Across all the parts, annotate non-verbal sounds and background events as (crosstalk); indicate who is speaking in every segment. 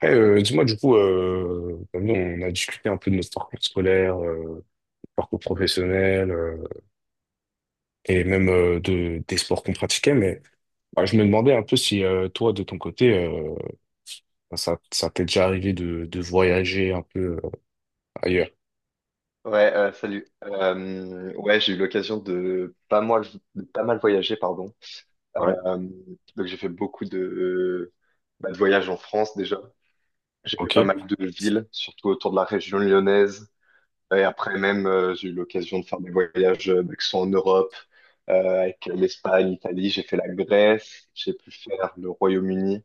Speaker 1: Après, dis-moi, du coup, comme nous, on a discuté un peu de notre parcours scolaire, parcours professionnel, et même des sports qu'on pratiquait, mais bah, je me demandais un peu si toi, de ton côté, bah, ça t'est déjà arrivé de voyager un peu ailleurs.
Speaker 2: Ouais, salut. Ouais, j'ai eu l'occasion de pas mal voyager, pardon.
Speaker 1: Ouais.
Speaker 2: Euh, donc j'ai fait beaucoup de, bah, de voyages en France déjà. J'ai fait
Speaker 1: Ok.
Speaker 2: pas mal de villes, surtout autour de la région lyonnaise. Et après même, j'ai eu l'occasion de faire des voyages qui sont en Europe, avec l'Espagne, l'Italie. J'ai fait la Grèce, j'ai pu faire le Royaume-Uni,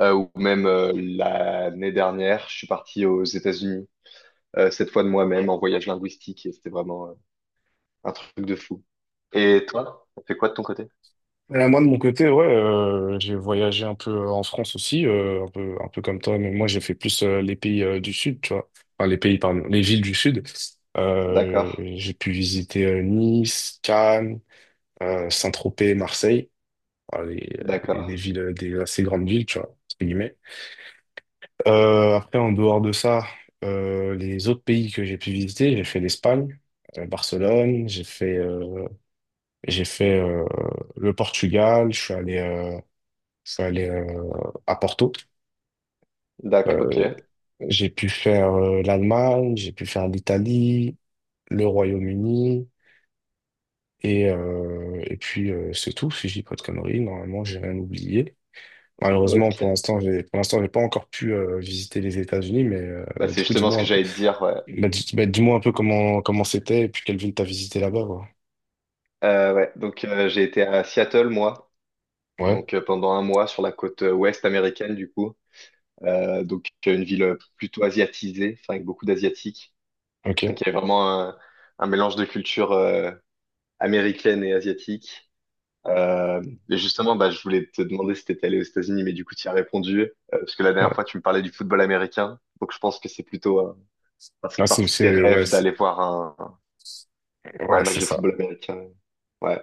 Speaker 2: ou même l'année dernière, je suis parti aux États-Unis, cette fois de moi-même en voyage linguistique. Et c'était vraiment un truc de fou. Et toi, t'as fait quoi de ton côté?
Speaker 1: Moi, de mon côté, ouais, j'ai voyagé un peu en France aussi, un peu comme toi, mais moi, j'ai fait plus les pays du Sud, tu vois. Enfin, les pays, pardon, les villes du Sud.
Speaker 2: D'accord,
Speaker 1: J'ai pu visiter Nice, Cannes, Saint-Tropez, Marseille, voilà, des
Speaker 2: d'accord,
Speaker 1: villes, des assez grandes villes, tu vois, entre guillemets. Après, en dehors de ça, les autres pays que j'ai pu visiter, j'ai fait l'Espagne, Barcelone, j'ai fait le Portugal, je suis allé à Porto.
Speaker 2: d'accord, ok,
Speaker 1: Euh, j'ai pu faire l'Allemagne, j'ai pu faire l'Italie, le Royaume-Uni, et puis c'est tout, si je dis pas de conneries, normalement j'ai rien oublié. Malheureusement,
Speaker 2: ok.
Speaker 1: pour l'instant, j'ai pas encore pu visiter les États-Unis, mais
Speaker 2: Bah,
Speaker 1: bah, du
Speaker 2: c'est
Speaker 1: coup,
Speaker 2: justement ce que j'allais te dire, ouais.
Speaker 1: bah, bah, dis-moi un peu comment c'était et puis quelle ville t'as visité là-bas, quoi.
Speaker 2: Ouais. Donc, j'ai été à Seattle, moi,
Speaker 1: Ouais,
Speaker 2: donc pendant un mois sur la côte ouest américaine, du coup. Donc, une ville plutôt asiatisée, enfin, avec beaucoup d'asiatiques.
Speaker 1: ok,
Speaker 2: Donc, il y avait vraiment un mélange de culture américaine et asiatique. Euh, et justement, bah, je voulais te demander si tu étais allé aux États-Unis, mais du coup, tu y as répondu, parce que la dernière fois,
Speaker 1: ouais.
Speaker 2: tu me parlais du football américain. Donc, je pense que c'est plutôt ça fait partie de tes
Speaker 1: Ouais,
Speaker 2: rêves d'aller voir un
Speaker 1: ouais, c'est
Speaker 2: match de
Speaker 1: ça.
Speaker 2: football américain. Ouais,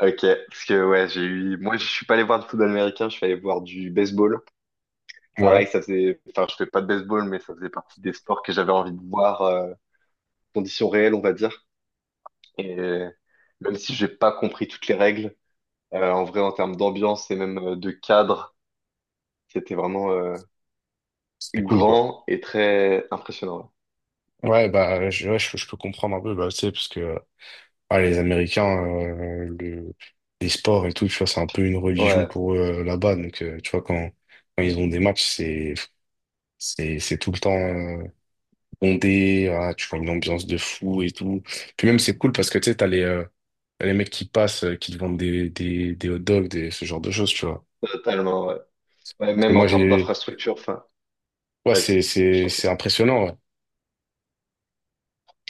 Speaker 2: ok. Parce que, ouais, j'ai eu. Moi, je suis pas allé voir du football américain, je suis allé voir du baseball. Pareil,
Speaker 1: Ouais,
Speaker 2: ça faisait. Enfin, je fais pas de baseball, mais ça faisait partie des sports que j'avais envie de voir, conditions réelles, on va dire. Et même si j'ai pas compris toutes les règles, en vrai, en termes d'ambiance et même de cadre. C'était vraiment
Speaker 1: c'était cool, quoi.
Speaker 2: grand et très impressionnant.
Speaker 1: Ouais, bah, ouais, je peux comprendre un peu, bah, tu sais, parce que les Américains, les sports et tout, tu vois, c'est un peu une
Speaker 2: Ouais,
Speaker 1: religion
Speaker 2: ouais,
Speaker 1: pour eux là-bas, donc tu vois quand ils ont des matchs, c'est tout le temps, bondé, ah, tu vois une ambiance de fou et tout. Puis même, c'est cool parce que tu sais, t'as les mecs qui passent, qui te vendent des hot dogs, des, ce genre de choses, tu vois.
Speaker 2: totalement. Ouais. Ouais,
Speaker 1: Parce que
Speaker 2: même en
Speaker 1: moi,
Speaker 2: termes
Speaker 1: j'ai,
Speaker 2: d'infrastructure, enfin,
Speaker 1: ouais,
Speaker 2: vas-y, je t'en prie.
Speaker 1: c'est impressionnant, ouais.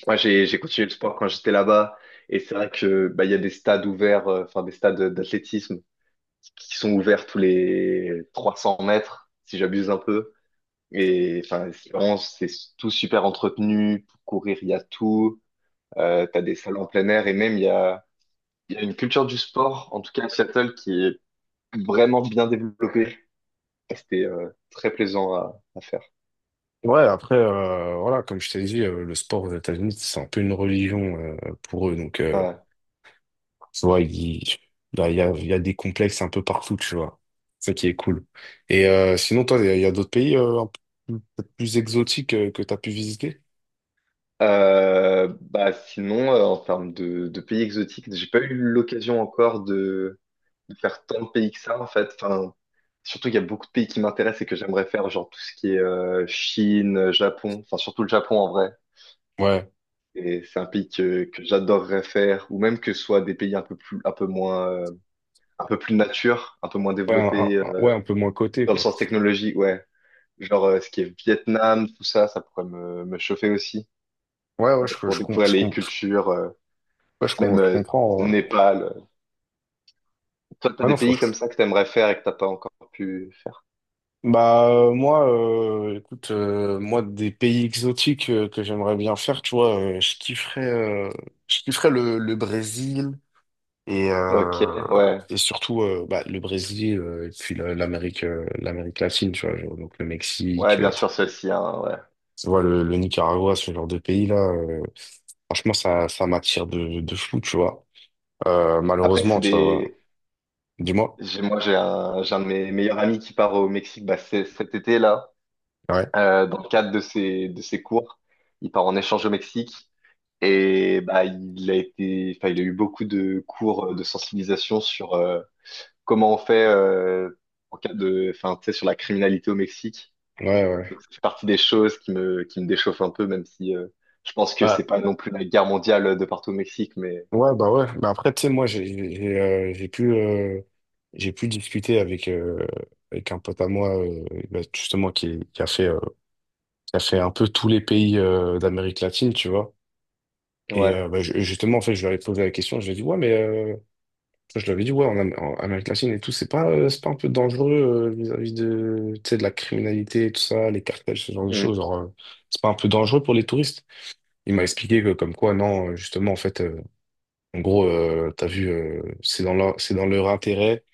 Speaker 2: Moi, j'ai continué le sport quand j'étais là-bas, et c'est vrai que bah, il y a des stades ouverts, enfin des stades d'athlétisme qui sont ouverts tous les 300 mètres, si j'abuse un peu. Et enfin, c'est tout super entretenu. Pour courir, il y a tout. T'as des salles en plein air, et même il y a une culture du sport, en tout cas à Seattle, qui est vraiment bien développée. C'était très plaisant à faire.
Speaker 1: Ouais, après, voilà, comme je t'ai dit, le sport aux États-Unis, c'est un peu une religion, pour eux. Donc,
Speaker 2: Ouais.
Speaker 1: tu vois, là, il y a des complexes un peu partout, tu vois. C'est ça qui est cool. Et sinon, toi, il y a d'autres pays un peu plus peut-être plus exotiques que tu as pu visiter?
Speaker 2: Bah sinon, en termes de pays exotiques, j'ai pas eu l'occasion encore de faire tant de pays que ça en fait. Enfin, surtout qu'il y a beaucoup de pays qui m'intéressent et que j'aimerais faire, genre tout ce qui est Chine, Japon, enfin surtout le Japon en vrai.
Speaker 1: Ouais.
Speaker 2: Et c'est un pays que j'adorerais faire, ou même que ce soit des pays un peu plus nature, un peu moins
Speaker 1: Ouais,
Speaker 2: développés
Speaker 1: ouais, un peu moins coté,
Speaker 2: dans le
Speaker 1: quoi.
Speaker 2: sens technologie, ouais. Genre, ce qui est Vietnam, tout ça, ça pourrait me chauffer aussi
Speaker 1: Ouais, ouais, je,
Speaker 2: pour
Speaker 1: je, com-
Speaker 2: découvrir
Speaker 1: je,
Speaker 2: les
Speaker 1: com- je-
Speaker 2: cultures,
Speaker 1: ouais,
Speaker 2: même
Speaker 1: je comprends,
Speaker 2: Népal. Toi, t'as
Speaker 1: Ah
Speaker 2: des
Speaker 1: non, faut-
Speaker 2: pays comme ça que t'aimerais faire et que t'as pas encore pu faire.
Speaker 1: Bah, moi, écoute, moi, des pays exotiques que j'aimerais bien faire, tu vois, euh, je kifferais le Brésil et,
Speaker 2: Ok,
Speaker 1: euh,
Speaker 2: ouais.
Speaker 1: et surtout bah, le Brésil et puis la- l'Amérique l'Amérique latine, tu vois, genre, donc le
Speaker 2: Ouais,
Speaker 1: Mexique,
Speaker 2: bien sûr, celle-ci, hein, ouais.
Speaker 1: tu vois, le Nicaragua, ce genre de pays-là, franchement, ça m'attire de fou, tu vois.
Speaker 2: Après,
Speaker 1: Malheureusement,
Speaker 2: c'est
Speaker 1: tu vois, voilà.
Speaker 2: des...
Speaker 1: Dis-moi.
Speaker 2: j'ai- Moi, j'ai un de mes meilleurs amis qui part au Mexique bah, cet été, là,
Speaker 1: Ouais.
Speaker 2: dans le cadre de ses cours. Il part en échange au Mexique et bah, enfin, il a eu beaucoup de cours de sensibilisation sur, comment on fait en cas de, enfin, tu sais, sur la criminalité au Mexique.
Speaker 1: Ouais, ouais.
Speaker 2: Donc, c'est partie des choses qui me déchauffent un peu, même si je pense que
Speaker 1: Ouais.
Speaker 2: c'est pas non plus la guerre mondiale de partout au Mexique, mais
Speaker 1: Ouais, bah ouais. Mais après, tu sais, moi, j'ai euh, j'ai pu, euh, j'ai pu discuter avec, avec un pote à moi, bah, justement, qui a fait un peu tous les pays d'Amérique latine, tu vois. Et
Speaker 2: ouais.
Speaker 1: bah, justement, en fait, je lui avais posé la question, je lui ai dit, ouais, mais enfin, je lui avais dit, ouais, en Amérique latine et tout, c'est pas un peu dangereux vis-à-vis de, tu sais, de la criminalité, tout ça, les cartels, ce genre de
Speaker 2: Hmm.
Speaker 1: choses. Genre, c'est pas un peu dangereux pour les touristes. Il m'a expliqué que, comme quoi, non, justement, en fait, en gros, t'as vu, c'est dans leur intérêt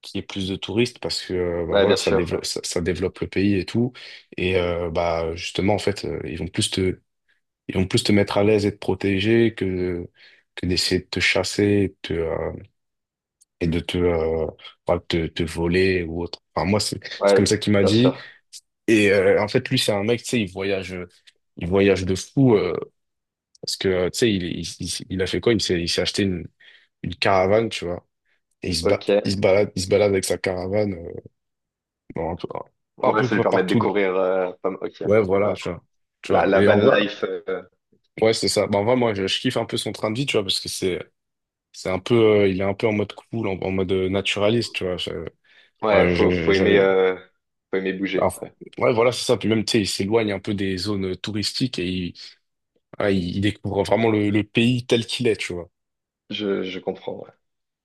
Speaker 1: qu'il y ait plus de touristes parce que bah
Speaker 2: Ouais, bien
Speaker 1: voilà,
Speaker 2: sûr, ouais,
Speaker 1: ça développe le pays et tout. Et bah justement, en fait, ils vont plus te mettre à l'aise et te protéger que d'essayer de te chasser et de te, et de te, euh, bah, te voler ou autre. Enfin, moi, c'est
Speaker 2: ouais,
Speaker 1: comme ça qu'il m'a
Speaker 2: bien
Speaker 1: dit.
Speaker 2: sûr,
Speaker 1: Et en fait, lui, c'est un mec, tu sais, il voyage de fou parce que, tu sais, il a fait quoi? Il s'est acheté une caravane, tu vois. Et
Speaker 2: ok.
Speaker 1: il se balade avec sa caravane dans un peu, un
Speaker 2: Ouais,
Speaker 1: peu
Speaker 2: ça lui permet de
Speaker 1: partout,
Speaker 2: découvrir, pas m- ok,
Speaker 1: ouais, voilà,
Speaker 2: ouais.
Speaker 1: tu vois. Tu
Speaker 2: La,
Speaker 1: vois.
Speaker 2: la
Speaker 1: Et
Speaker 2: van
Speaker 1: en vrai,
Speaker 2: life,
Speaker 1: ouais, c'est ça. Bah, en vrai, je kiffe un peu son train de vie, tu vois, parce que c'est un peu, il est un peu en mode cool, en mode naturaliste, tu vois.
Speaker 2: ouais,
Speaker 1: Ouais, je-
Speaker 2: faut, faut
Speaker 1: je-
Speaker 2: aimer,
Speaker 1: je-
Speaker 2: euh, faut aimer
Speaker 1: bah,
Speaker 2: bouger,
Speaker 1: enfin,
Speaker 2: ouais.
Speaker 1: ouais, voilà, c'est ça. Puis même, tu sais, il s'éloigne un peu des zones touristiques il découvre vraiment le pays tel qu'il est, tu vois.
Speaker 2: Je comprends, ouais.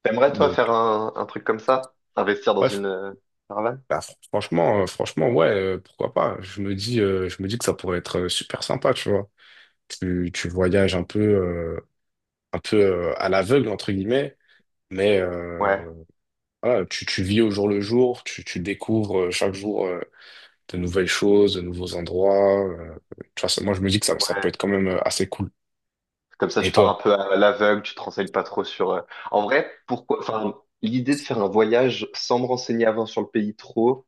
Speaker 2: T'aimerais, toi,
Speaker 1: Donc,
Speaker 2: faire un truc comme ça? Investir dans
Speaker 1: bref.
Speaker 2: une caravane?
Speaker 1: Bah, franchement, franchement, ouais, pourquoi pas. Je me dis que ça pourrait être super sympa, tu vois. Tu voyages un peu, à l'aveugle, entre guillemets, mais
Speaker 2: Ouais,
Speaker 1: voilà, tu vis au jour le jour, tu découvres chaque jour de nouvelles choses, de nouveaux endroits, tu vois, moi, je me dis que ça peut être
Speaker 2: ouais.
Speaker 1: quand même assez cool.
Speaker 2: Comme ça,
Speaker 1: Et
Speaker 2: tu pars un
Speaker 1: toi?
Speaker 2: peu à l'aveugle, tu te renseignes pas trop sur. En vrai, pourquoi? Enfin, l'idée de faire un voyage sans me renseigner avant sur le pays trop,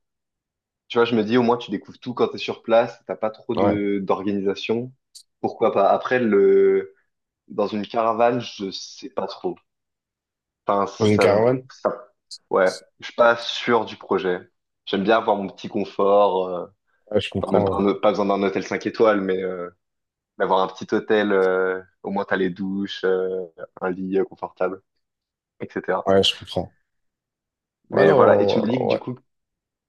Speaker 2: tu vois, je me dis au moins tu découvres tout quand t'es sur place, t'as pas trop
Speaker 1: Ouais.
Speaker 2: de d'organisation. Pourquoi pas? Après, le dans une caravane, je sais pas trop. Enfin,
Speaker 1: Dans une
Speaker 2: ça,
Speaker 1: caravane?
Speaker 2: ça, ouais, je suis pas sûr du projet. J'aime bien avoir mon petit confort,
Speaker 1: Ouais, je
Speaker 2: enfin, même
Speaker 1: comprends.
Speaker 2: pas,
Speaker 1: Ouais,
Speaker 2: pas besoin d'un hôtel 5 étoiles, mais d'avoir un petit hôtel, au moins t'as les douches, un lit confortable. etc.
Speaker 1: Ouais, je comprends.
Speaker 2: Mais voilà, et tu me
Speaker 1: Alors,
Speaker 2: dis que du
Speaker 1: ouais.
Speaker 2: coup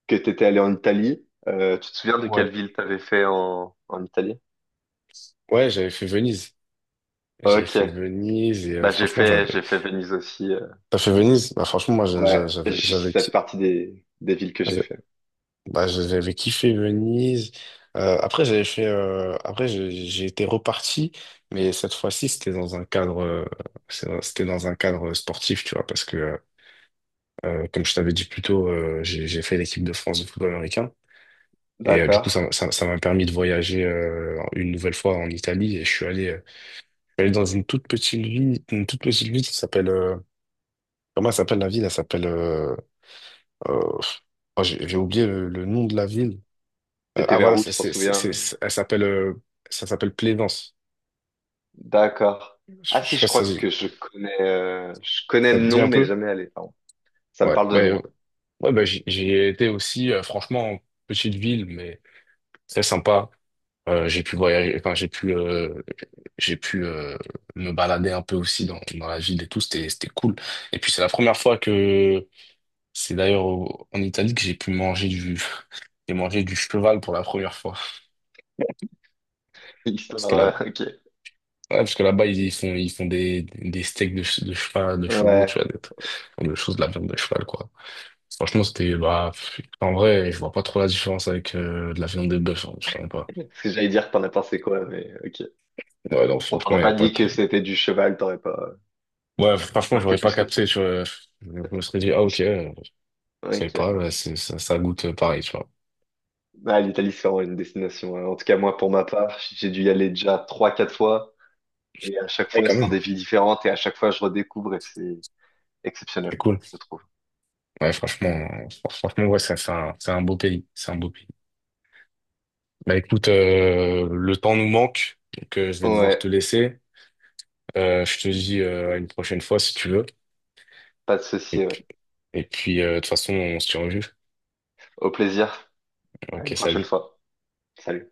Speaker 2: que tu étais allé en Italie. Tu te souviens de quelle
Speaker 1: Ouais,
Speaker 2: ville t'avais fait en Italie?
Speaker 1: ouais, j'avais fait Venise. J'avais fait
Speaker 2: Ok.
Speaker 1: Venise et
Speaker 2: Bah j'ai
Speaker 1: franchement,
Speaker 2: fait
Speaker 1: j'avais.
Speaker 2: j'ai fait Venise aussi.
Speaker 1: T'as fait Venise? Bah, franchement, moi,
Speaker 2: Ouais,
Speaker 1: j'avais
Speaker 2: ça fait
Speaker 1: kiffé.
Speaker 2: partie des villes que j'ai fait.
Speaker 1: Bah, j'avais kiffé Venise. Après, j'avais fait. Après, j'ai été reparti, mais cette fois-ci, c'était dans un cadre sportif, tu vois, parce que, comme je t'avais dit plus tôt, j'ai fait l'équipe de France de football américain. Et du
Speaker 2: D'accord.
Speaker 1: coup, ça m'a permis de voyager une nouvelle fois en Italie. Et je suis allé dans une toute petite ville, une toute petite ville qui s'appelle, comment elle s'appelle la ville? Elle s'appelle. Euh, oh, j'ai oublié le nom de la ville. Euh,
Speaker 2: T'étais
Speaker 1: ah
Speaker 2: vers
Speaker 1: voilà,
Speaker 2: où, tu t'en souviens?
Speaker 1: c'est- elle s'appelle ça s'appelle Plaisance.
Speaker 2: D'accord.
Speaker 1: Je,
Speaker 2: Ah
Speaker 1: je
Speaker 2: si,
Speaker 1: sais pas
Speaker 2: je
Speaker 1: si
Speaker 2: crois que je connais
Speaker 1: ça
Speaker 2: le
Speaker 1: te dit
Speaker 2: nom,
Speaker 1: un
Speaker 2: mais
Speaker 1: peu.
Speaker 2: jamais allé. Pardon. Ça me
Speaker 1: Ouais,
Speaker 2: parle de nom, hein.
Speaker 1: ouais, ben j'y ai été aussi, franchement, petite ville, mais très sympa. J'ai pu voyager, enfin j'ai pu me balader un peu aussi dans la ville et tout, c'était cool. Et puis c'est la première fois que c'est d'ailleurs en Italie que j'ai pu manger du (laughs) j'ai mangé du cheval pour la première fois. Parce
Speaker 2: Histoire,
Speaker 1: que là
Speaker 2: (laughs) ok.
Speaker 1: ouais, parce que là-bas, ils font des steaks de, de chevaux, tu
Speaker 2: Ouais.
Speaker 1: vois, des choses de la viande de cheval, quoi. Franchement, c'était, bah, pff, en vrai, je vois pas trop la différence avec de la viande de bœuf, hein, je sais même pas.
Speaker 2: Parce que j'allais dire que t'en as pensé quoi, mais ok.
Speaker 1: Ouais, non,
Speaker 2: On t'en
Speaker 1: franchement,
Speaker 2: a
Speaker 1: il y a
Speaker 2: pas
Speaker 1: pas
Speaker 2: dit
Speaker 1: trop.
Speaker 2: que c'était du cheval, t'aurais pas
Speaker 1: Ouais, franchement,
Speaker 2: marqué
Speaker 1: j'aurais pas
Speaker 2: plus que ça.
Speaker 1: capté, tu vois. Je me serais dit, ah, ok,
Speaker 2: (laughs)
Speaker 1: je sais pas,
Speaker 2: Ok.
Speaker 1: ouais, ça goûte pareil, tu vois.
Speaker 2: Ah, l'Italie, c'est vraiment une destination, hein. En tout cas, moi, pour ma part, j'ai dû y aller déjà trois, quatre fois. Et à chaque
Speaker 1: Ouais,
Speaker 2: fois,
Speaker 1: quand
Speaker 2: c'est dans
Speaker 1: même,
Speaker 2: des villes différentes. Et à chaque fois, je redécouvre et c'est exceptionnel,
Speaker 1: c'est cool.
Speaker 2: je trouve.
Speaker 1: Ouais, franchement, franchement, ouais, c'est un beau pays, c'est un beau pays. Bah, écoute, le temps nous manque, donc je vais devoir te
Speaker 2: Ouais,
Speaker 1: laisser. Je te dis à une prochaine fois si tu veux.
Speaker 2: pas de
Speaker 1: Et
Speaker 2: souci. Ouais.
Speaker 1: puis, de toute façon, on se tient au jus.
Speaker 2: Au plaisir. À
Speaker 1: Ok,
Speaker 2: une prochaine
Speaker 1: salut.
Speaker 2: fois. Salut.